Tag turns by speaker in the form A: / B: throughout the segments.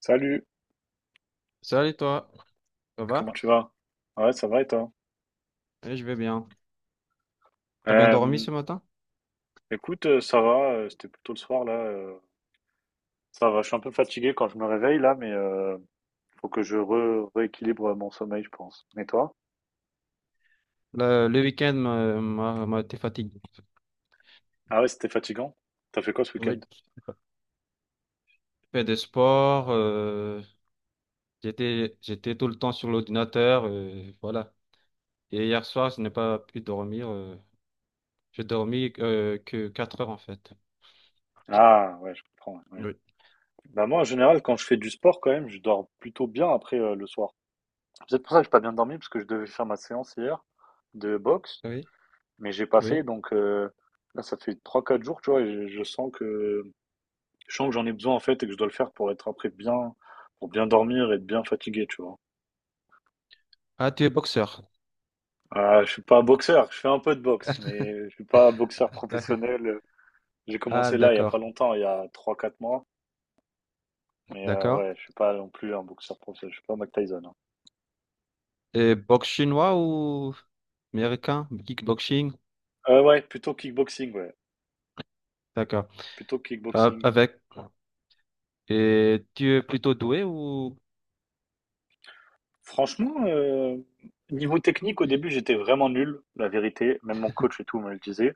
A: Salut,
B: Salut toi, ça
A: comment
B: va?
A: tu vas? Ouais, ça va et toi?
B: Oui, je vais bien. T'as bien dormi
A: Euh,
B: ce matin?
A: écoute, ça va, c'était plutôt le soir là. Ça va, je suis un peu fatigué quand je me réveille là, mais faut que rééquilibre mon sommeil, je pense. Et toi?
B: Le week-end m'a été fatigué.
A: Ah ouais, c'était fatigant. T'as fait quoi ce week-end?
B: Oui, je fais des sports, j'étais tout le temps sur l'ordinateur, voilà. Et hier soir, je n'ai pas pu dormir. J'ai dormi que 4 heures en fait.
A: Ah ouais, je comprends. Ouais, ouais.
B: Oui.
A: Bah moi, en général, quand je fais du sport, quand même, je dors plutôt bien après le soir. C'est peut-être pour ça que j'ai pas bien dormi, parce que je devais faire ma séance hier de boxe,
B: Oui,
A: mais j'ai pas fait.
B: oui.
A: Donc là, ça fait trois quatre jours, tu vois, et je sens que j'en ai besoin en fait et que je dois le faire pour être après bien, pour bien dormir et être bien fatigué, tu vois.
B: Ah, tu es boxeur.
A: Je suis pas boxeur, je fais un peu de boxe, mais je suis pas boxeur
B: D'accord.
A: professionnel. J'ai
B: Ah,
A: commencé là il y a pas
B: d'accord,
A: longtemps, il y a trois quatre mois, mais
B: d'accord.
A: ouais, je suis pas non plus un boxeur professionnel, je suis pas Mike Tyson, hein.
B: Et boxe chinois ou américain? Kickboxing?
A: Ouais, plutôt kickboxing, ouais.
B: D'accord.
A: Plutôt que kickboxing.
B: Avec. Et tu es plutôt doué ou.
A: Franchement, niveau technique, au début, j'étais vraiment nul, la vérité. Même mon coach et tout me le disait.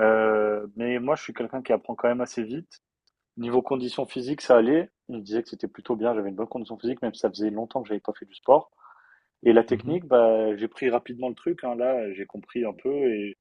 A: Mais moi, je suis quelqu'un qui apprend quand même assez vite. Niveau condition physique, ça allait. On me disait que c'était plutôt bien. J'avais une bonne condition physique, même si ça faisait longtemps que j'avais pas fait du sport. Et la
B: Mhm.
A: technique, bah, j'ai pris rapidement le truc, hein. Là, j'ai compris un peu. Et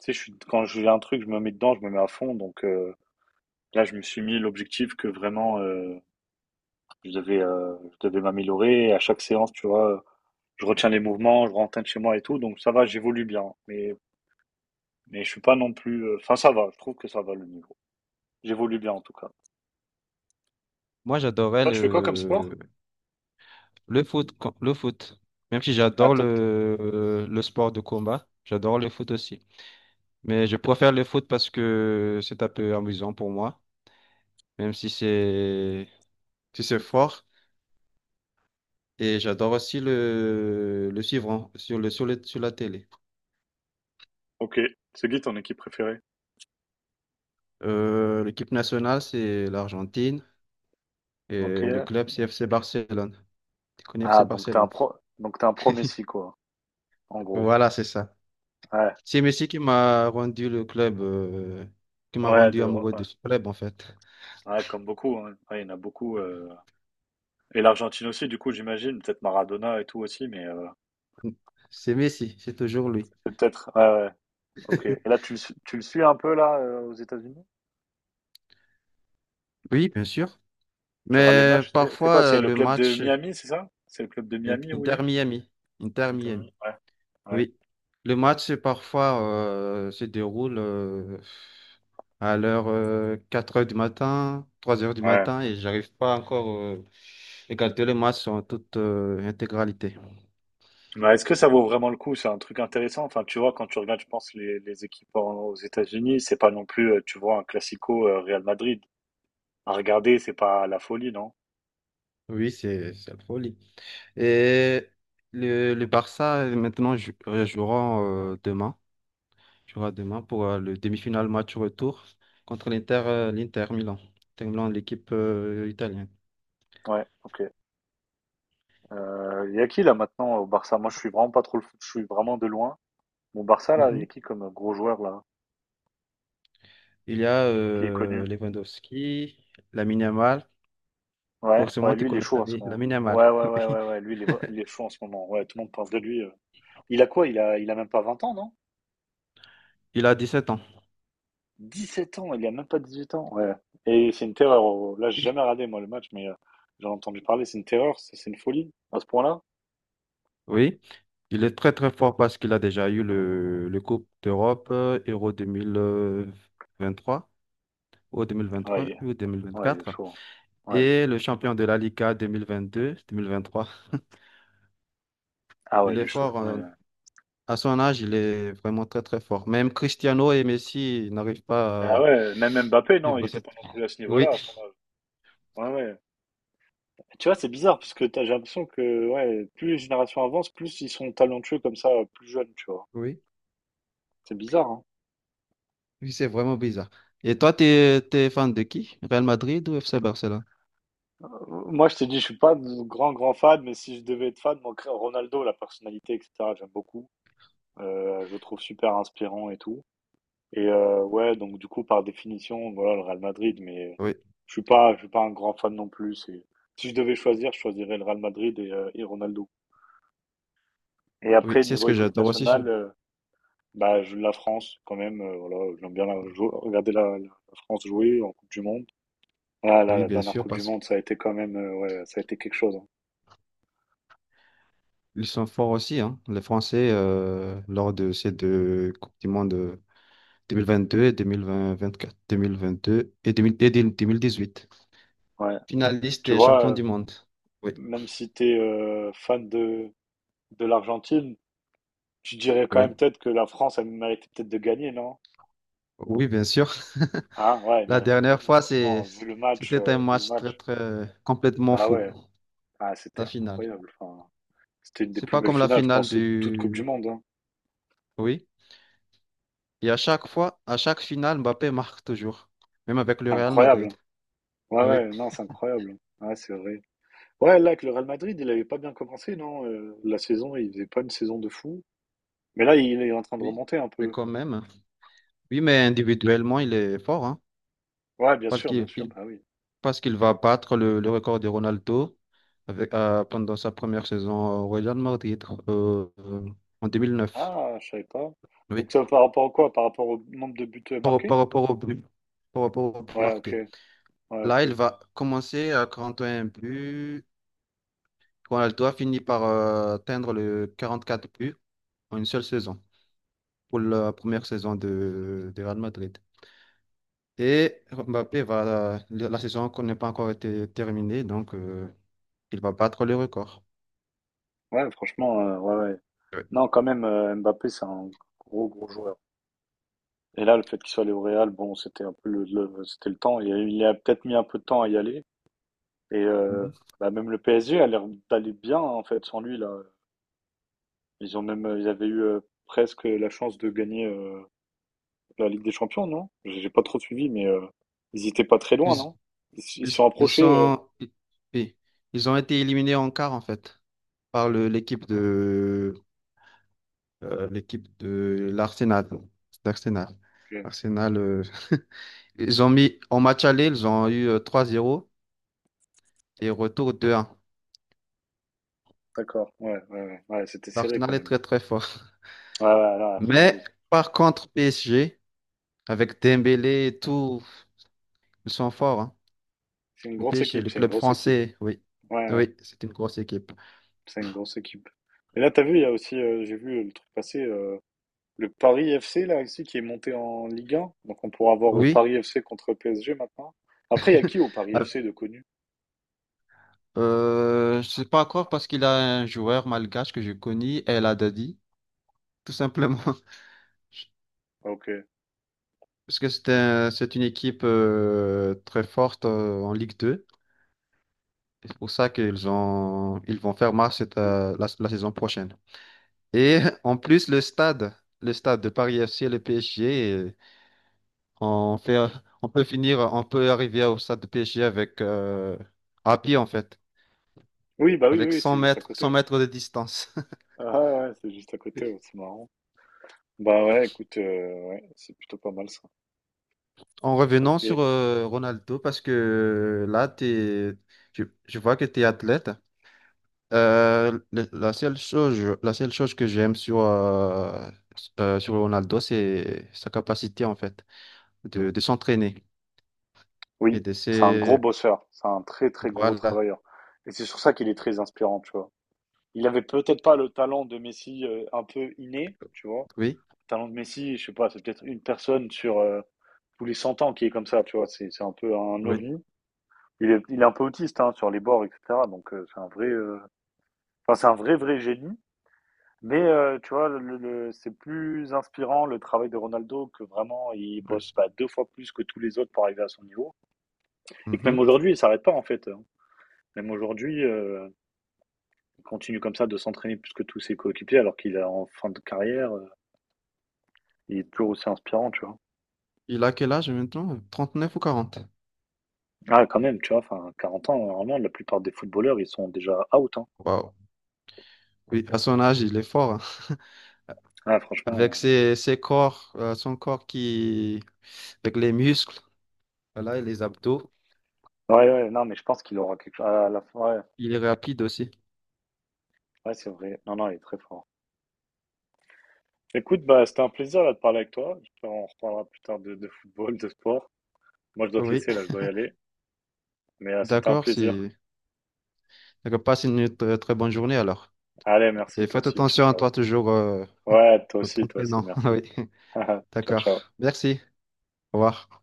A: tu sais, je suis, quand j'ai un truc, je me mets dedans, je me mets à fond. Donc là, je me suis mis l'objectif que vraiment, je devais, euh, je devais m'améliorer. À chaque séance, tu vois, je retiens les mouvements, je rentre chez moi et tout, donc ça va, j'évolue bien. Mais je suis pas non plus. Enfin, ça va, je trouve que ça va le niveau. J'évolue bien en tout cas.
B: Moi, j'adorais
A: Toi, tu fais quoi comme sport?
B: le foot. Même si
A: Ah,
B: j'adore
A: toi, t-
B: le sport de combat, j'adore le foot aussi. Mais je préfère le foot parce que c'est un peu amusant pour moi. Même si c'est fort. Et j'adore aussi le suivre hein, sur la télé.
A: ok. C'est qui ton équipe préférée?
B: L'équipe nationale, c'est l'Argentine
A: Ok.
B: et le club, c'est FC Barcelone. Tu connais
A: Ah,
B: FC
A: donc t'es un
B: Barcelone?
A: pro, donc t'es un pro Messi, quoi, en gros.
B: Voilà, c'est ça.
A: Ouais,
B: C'est Messi qui m'a rendu le club, qui m'a
A: ouais,
B: rendu amoureux
A: ouais.
B: de ce club, en fait.
A: Ouais, comme beaucoup, hein. Ouais, il y en a beaucoup. Et l'Argentine aussi, du coup, j'imagine. Peut-être Maradona et tout aussi, mais
B: C'est Messi, c'est toujours lui.
A: c'est peut-être. Ouais, ouais, ok. Et là, tu le suis un peu, là, aux États-Unis?
B: Oui, bien sûr.
A: Tu regardes les
B: Mais
A: matchs? C'est
B: parfois,
A: quoi? C'est le
B: le
A: club de
B: match
A: Miami, c'est ça? C'est le club de Miami où il
B: Inter
A: est?
B: Miami, Inter
A: Inter
B: Miami.
A: Miami. Ouais. Ouais.
B: Oui, le match, c'est parfois se déroule à l'heure 4 heures du matin, 3 heures du
A: Ouais.
B: matin, et j'arrive pas encore à regarder le match en toute intégralité.
A: Mais est-ce que ça vaut vraiment le coup? C'est un truc intéressant. Enfin, tu vois, quand tu regardes, je pense, les aux États-Unis, c'est pas non plus, tu vois, un classico Real Madrid. À regarder, c'est pas la folie, non?
B: Oui, c'est la folie. Et le Barça, maintenant, jouera demain, jouera demain pour le demi-finale match retour contre l'Inter Milan, Inter Milan, l'équipe italienne.
A: Ouais, ok. Il y a qui là maintenant au Barça? Moi, je suis vraiment pas trop le foot, je suis vraiment de loin. Mon Barça là, il y
B: Mhm.
A: a qui comme gros joueur là,
B: Il y a
A: qui est connu?
B: Lewandowski, Lamine Yamal.
A: Ouais,
B: Forcément,
A: ouais,
B: tu
A: lui, il est
B: connais
A: chaud en ce moment.
B: Lamine Yamal.
A: Ouais, ouais, ouais,
B: Oui.
A: ouais, ouais, lui, il est chaud en ce moment. Ouais, tout le monde parle de lui. Il a quoi il a même pas 20 ans, non?
B: Il a 17 ans.
A: 17 ans, il a même pas 18 ans. Ouais. Et c'est une terreur. Oh, oh. Là, j'ai jamais regardé, moi, le match, mais j'en ai entendu parler. C'est une terreur, c'est une folie à ce point-là.
B: Oui. Il est très très fort parce qu'il a déjà eu le Coupe d'Europe Euro trois ou deux mille vingt
A: Ouais,
B: trois
A: il est,
B: ou deux mille vingt
A: ouais, il est
B: quatre
A: chaud. Ouais.
B: et le champion de la Liga 2022-deux mille vingt trois.
A: Ah
B: Il
A: ouais, il
B: est
A: est chaud.
B: fort.
A: Ouais.
B: À son âge, il est vraiment très très fort. Même Cristiano et Messi n'arrivent pas à
A: Bah ouais, même Mbappé, non, il
B: suivre
A: était pas
B: cette-
A: non plus à ce
B: Oui,
A: niveau-là. À ce moment-là. Ouais, ouais. Tu vois, c'est bizarre parce que j'ai l'impression que ouais, plus les générations avancent, plus ils sont talentueux comme ça, plus jeunes, tu vois.
B: oui,
A: C'est bizarre, hein.
B: oui, c'est vraiment bizarre. Et toi, tu es fan de qui? Real Madrid ou FC Barcelone?
A: Euh, moi, je te dis, je suis pas de grand fan, mais si je devais être fan, moi, Ronaldo, la personnalité, etc., j'aime beaucoup. Je trouve super inspirant et tout et ouais, donc du coup, par définition, voilà, le Real Madrid, mais
B: Oui.
A: je suis pas un grand fan non plus. C'est si je devais choisir, je choisirais le Real Madrid et Ronaldo et
B: Oui,
A: après
B: c'est ce
A: niveau
B: que
A: équipe
B: j'adore
A: nationale, bah, je la France quand même, voilà, j'aime bien la jou regarder la France jouer en coupe du monde. Ah là,
B: Oui,
A: la
B: bien
A: dernière
B: sûr,
A: coupe du
B: parce
A: monde, ça a été quand même, ouais, ça a été quelque chose, hein.
B: qu'ils sont forts aussi, hein. Les Français, lors de ces deux Coupes du Monde 2022 et 2024, 2022 et, 2000 et 2018.
A: Ouais.
B: Finaliste
A: Tu
B: et
A: vois,
B: champion du monde. Oui,
A: même si t'es es, fan de l'Argentine, je dirais quand
B: oui.
A: même peut-être que la France, elle méritait peut-être de gagner, non?
B: Oui, bien sûr.
A: Hein? Ouais, elle
B: La
A: méritait de
B: dernière
A: gagner. Franchement, vu le match,
B: c'était un match très, très complètement
A: bah
B: fou,
A: ouais, ah, c'était
B: la finale.
A: incroyable. Enfin, c'était une des
B: C'est
A: plus
B: pas
A: belles
B: comme la
A: finales, je
B: finale
A: pense, de toute Coupe du
B: du...
A: Monde, hein.
B: Oui. Et à chaque fois, à chaque finale, Mbappé marque toujours, même avec le
A: C'est
B: Real Madrid.
A: incroyable. Ouais,
B: Oui.
A: ouais, non, c'est incroyable. Ouais, c'est vrai. Ouais, là, avec le Real Madrid, il avait pas bien commencé, non? La saison, il faisait pas une saison de fou. Mais là, il est en train de
B: Oui,
A: remonter un
B: mais
A: peu.
B: quand même. Oui, mais individuellement, il est fort, hein,
A: Ouais,
B: parce
A: bien
B: qu'il
A: sûr,
B: il-
A: bah oui.
B: parce qu'il va battre le record de Ronaldo avec, pendant sa première saison au Real Madrid euh, euh, en 2009.
A: Ah, je savais pas.
B: Oui,
A: Donc ça, par rapport à quoi? Par rapport au nombre de buts
B: par,
A: marqués?
B: par rapport au but, par rapport au but
A: Ouais, ok.
B: marqué.
A: Ouais, ok,
B: Là, il
A: ok.
B: va commencer à 41 buts. Ronaldo a fini par atteindre le 44 buts en une seule saison pour la première saison de Real Madrid. Et Mbappé va, la saison qu'on n'est pas encore été terminée, il va battre le record.
A: Ouais, franchement, ouais, ouais.
B: Ouais.
A: Non, quand même, Mbappé, c'est un gros joueur. Et là, le fait qu'il soit allé au Real, bon, c'était un peu c'était le temps. Il a peut-être mis un peu de temps à y aller. Et
B: Mhm.
A: bah, même le PSG a l'air d'aller bien, hein, en fait, sans lui, là. Ils ont même, ils avaient eu presque la chance de gagner la Ligue des Champions, non? J'ai pas trop suivi, mais ils étaient pas très
B: Ils,
A: loin, non? Ils
B: ils,
A: se sont
B: ils
A: approchés.
B: sont, i- oui, ils ont été éliminés en quart en fait par
A: Ouais,
B: le- l'équipe de l'équipe de l'Arsenal. D'Arsenal.
A: ok.
B: Arsenal, ils ont mis en match aller, ils ont eu 3-0 et retour 2-1.
A: D'accord, ouais, ouais, ouais, ouais, c'était serré
B: L'Arsenal
A: quand
B: est
A: même.
B: très très fort.
A: Ouais, ouais, là, Arsenal,
B: Mais par contre PSG avec Dembélé et tout, ils sont forts. Hein.
A: c'est une
B: Le
A: grosse
B: PSG,
A: équipe,
B: le
A: c'est une
B: club
A: grosse équipe.
B: français, oui.
A: Ouais,
B: Ah
A: ouais.
B: oui, c'est une grosse équipe.
A: C'est une grosse équipe. Et là, t'as vu, il y a aussi, j'ai vu le truc passer, le Paris FC, là, ici, qui est monté en Ligue 1. Donc, on pourra avoir
B: Oui.
A: Paris FC contre PSG maintenant. Après, il y a qui au Paris
B: Ah,
A: FC de connu?
B: Je sais pas encore parce qu'il a un joueur malgache que je connais, El Haddadi, tout simplement.
A: Ah, ok,
B: Parce que
A: d'accord.
B: c'est une équipe très forte en Ligue 2. Et c'est pour ça qu'ils ils vont faire marche cette,
A: Oui.
B: la saison prochaine. Et en plus, le stade de Paris FC et le PSG, on fait, on peut finir, on peut arriver au stade de PSG avec à pied en fait.
A: Oui, bah oui,
B: Avec
A: oui,
B: 100
A: c'est juste à
B: mètres, 100
A: côté.
B: mètres de distance.
A: Ah ouais, ouais, c'est juste à côté, ouais, c'est marrant. Bah ouais, écoute, ouais, c'est plutôt pas mal ça.
B: En revenant
A: Ok.
B: sur Ronaldo, parce que je vois que tu es athlète. La seule chose que j'aime sur Ronaldo, c'est sa capacité, en fait, de s'entraîner et
A: Oui,
B: de
A: c'est un gros
B: se...
A: bosseur, c'est un très très gros
B: Voilà,
A: travailleur. Et c'est sur ça qu'il est très inspirant, tu vois. Il avait peut-être pas le talent de Messi un peu inné, tu vois.
B: oui,
A: Talent de Messi, je sais pas, c'est peut-être une personne sur tous les 100 ans qui est comme ça, tu vois, c'est un peu un
B: oui,
A: ovni. Il est un peu autiste hein, sur les bords, etc. Donc c'est un vrai, enfin c'est un vrai vrai génie. Mais tu vois, c'est plus inspirant le travail de Ronaldo que vraiment il
B: oui.
A: bosse bah, deux fois plus que tous les autres pour arriver à son niveau. Et que même
B: Mhm.
A: aujourd'hui, il s'arrête pas en fait, hein. Même aujourd'hui, il continue comme ça de s'entraîner plus que tous ses coéquipiers alors qu'il est en fin de carrière. Il est toujours aussi inspirant, tu vois.
B: Il a quel âge maintenant? 39 ou 40?
A: Ah quand même, tu vois? Enfin, 40 ans, normalement, la plupart des footballeurs, ils sont déjà out, hein.
B: Waouh. Oui, à son âge, il est fort. Hein.
A: Ah
B: Avec
A: franchement,
B: son corps qui... Avec les muscles. Voilà, et les abdos.
A: ouais, ouais, non, mais je pense qu'il aura quelque chose à la fin, ouais,
B: Il est rapide aussi.
A: ouais, c'est vrai. Non, non, il est très fort. Écoute, bah, c'était un plaisir là, de parler avec toi. J'espère qu'on reparlera plus tard de football, de sport. Moi, je dois te
B: Oui,
A: laisser là, je dois y aller. Mais c'était un
B: d'accord,
A: plaisir.
B: si. D'accord, passe une très très, bonne journée alors.
A: Allez, merci,
B: Et
A: toi
B: faites
A: aussi. Ciao,
B: attention à
A: ciao.
B: toi toujours
A: Ouais,
B: en
A: toi aussi,
B: t'entraînant.
A: merci.
B: Oui,
A: Ciao,
B: d'accord.
A: ciao.
B: Merci. Au revoir.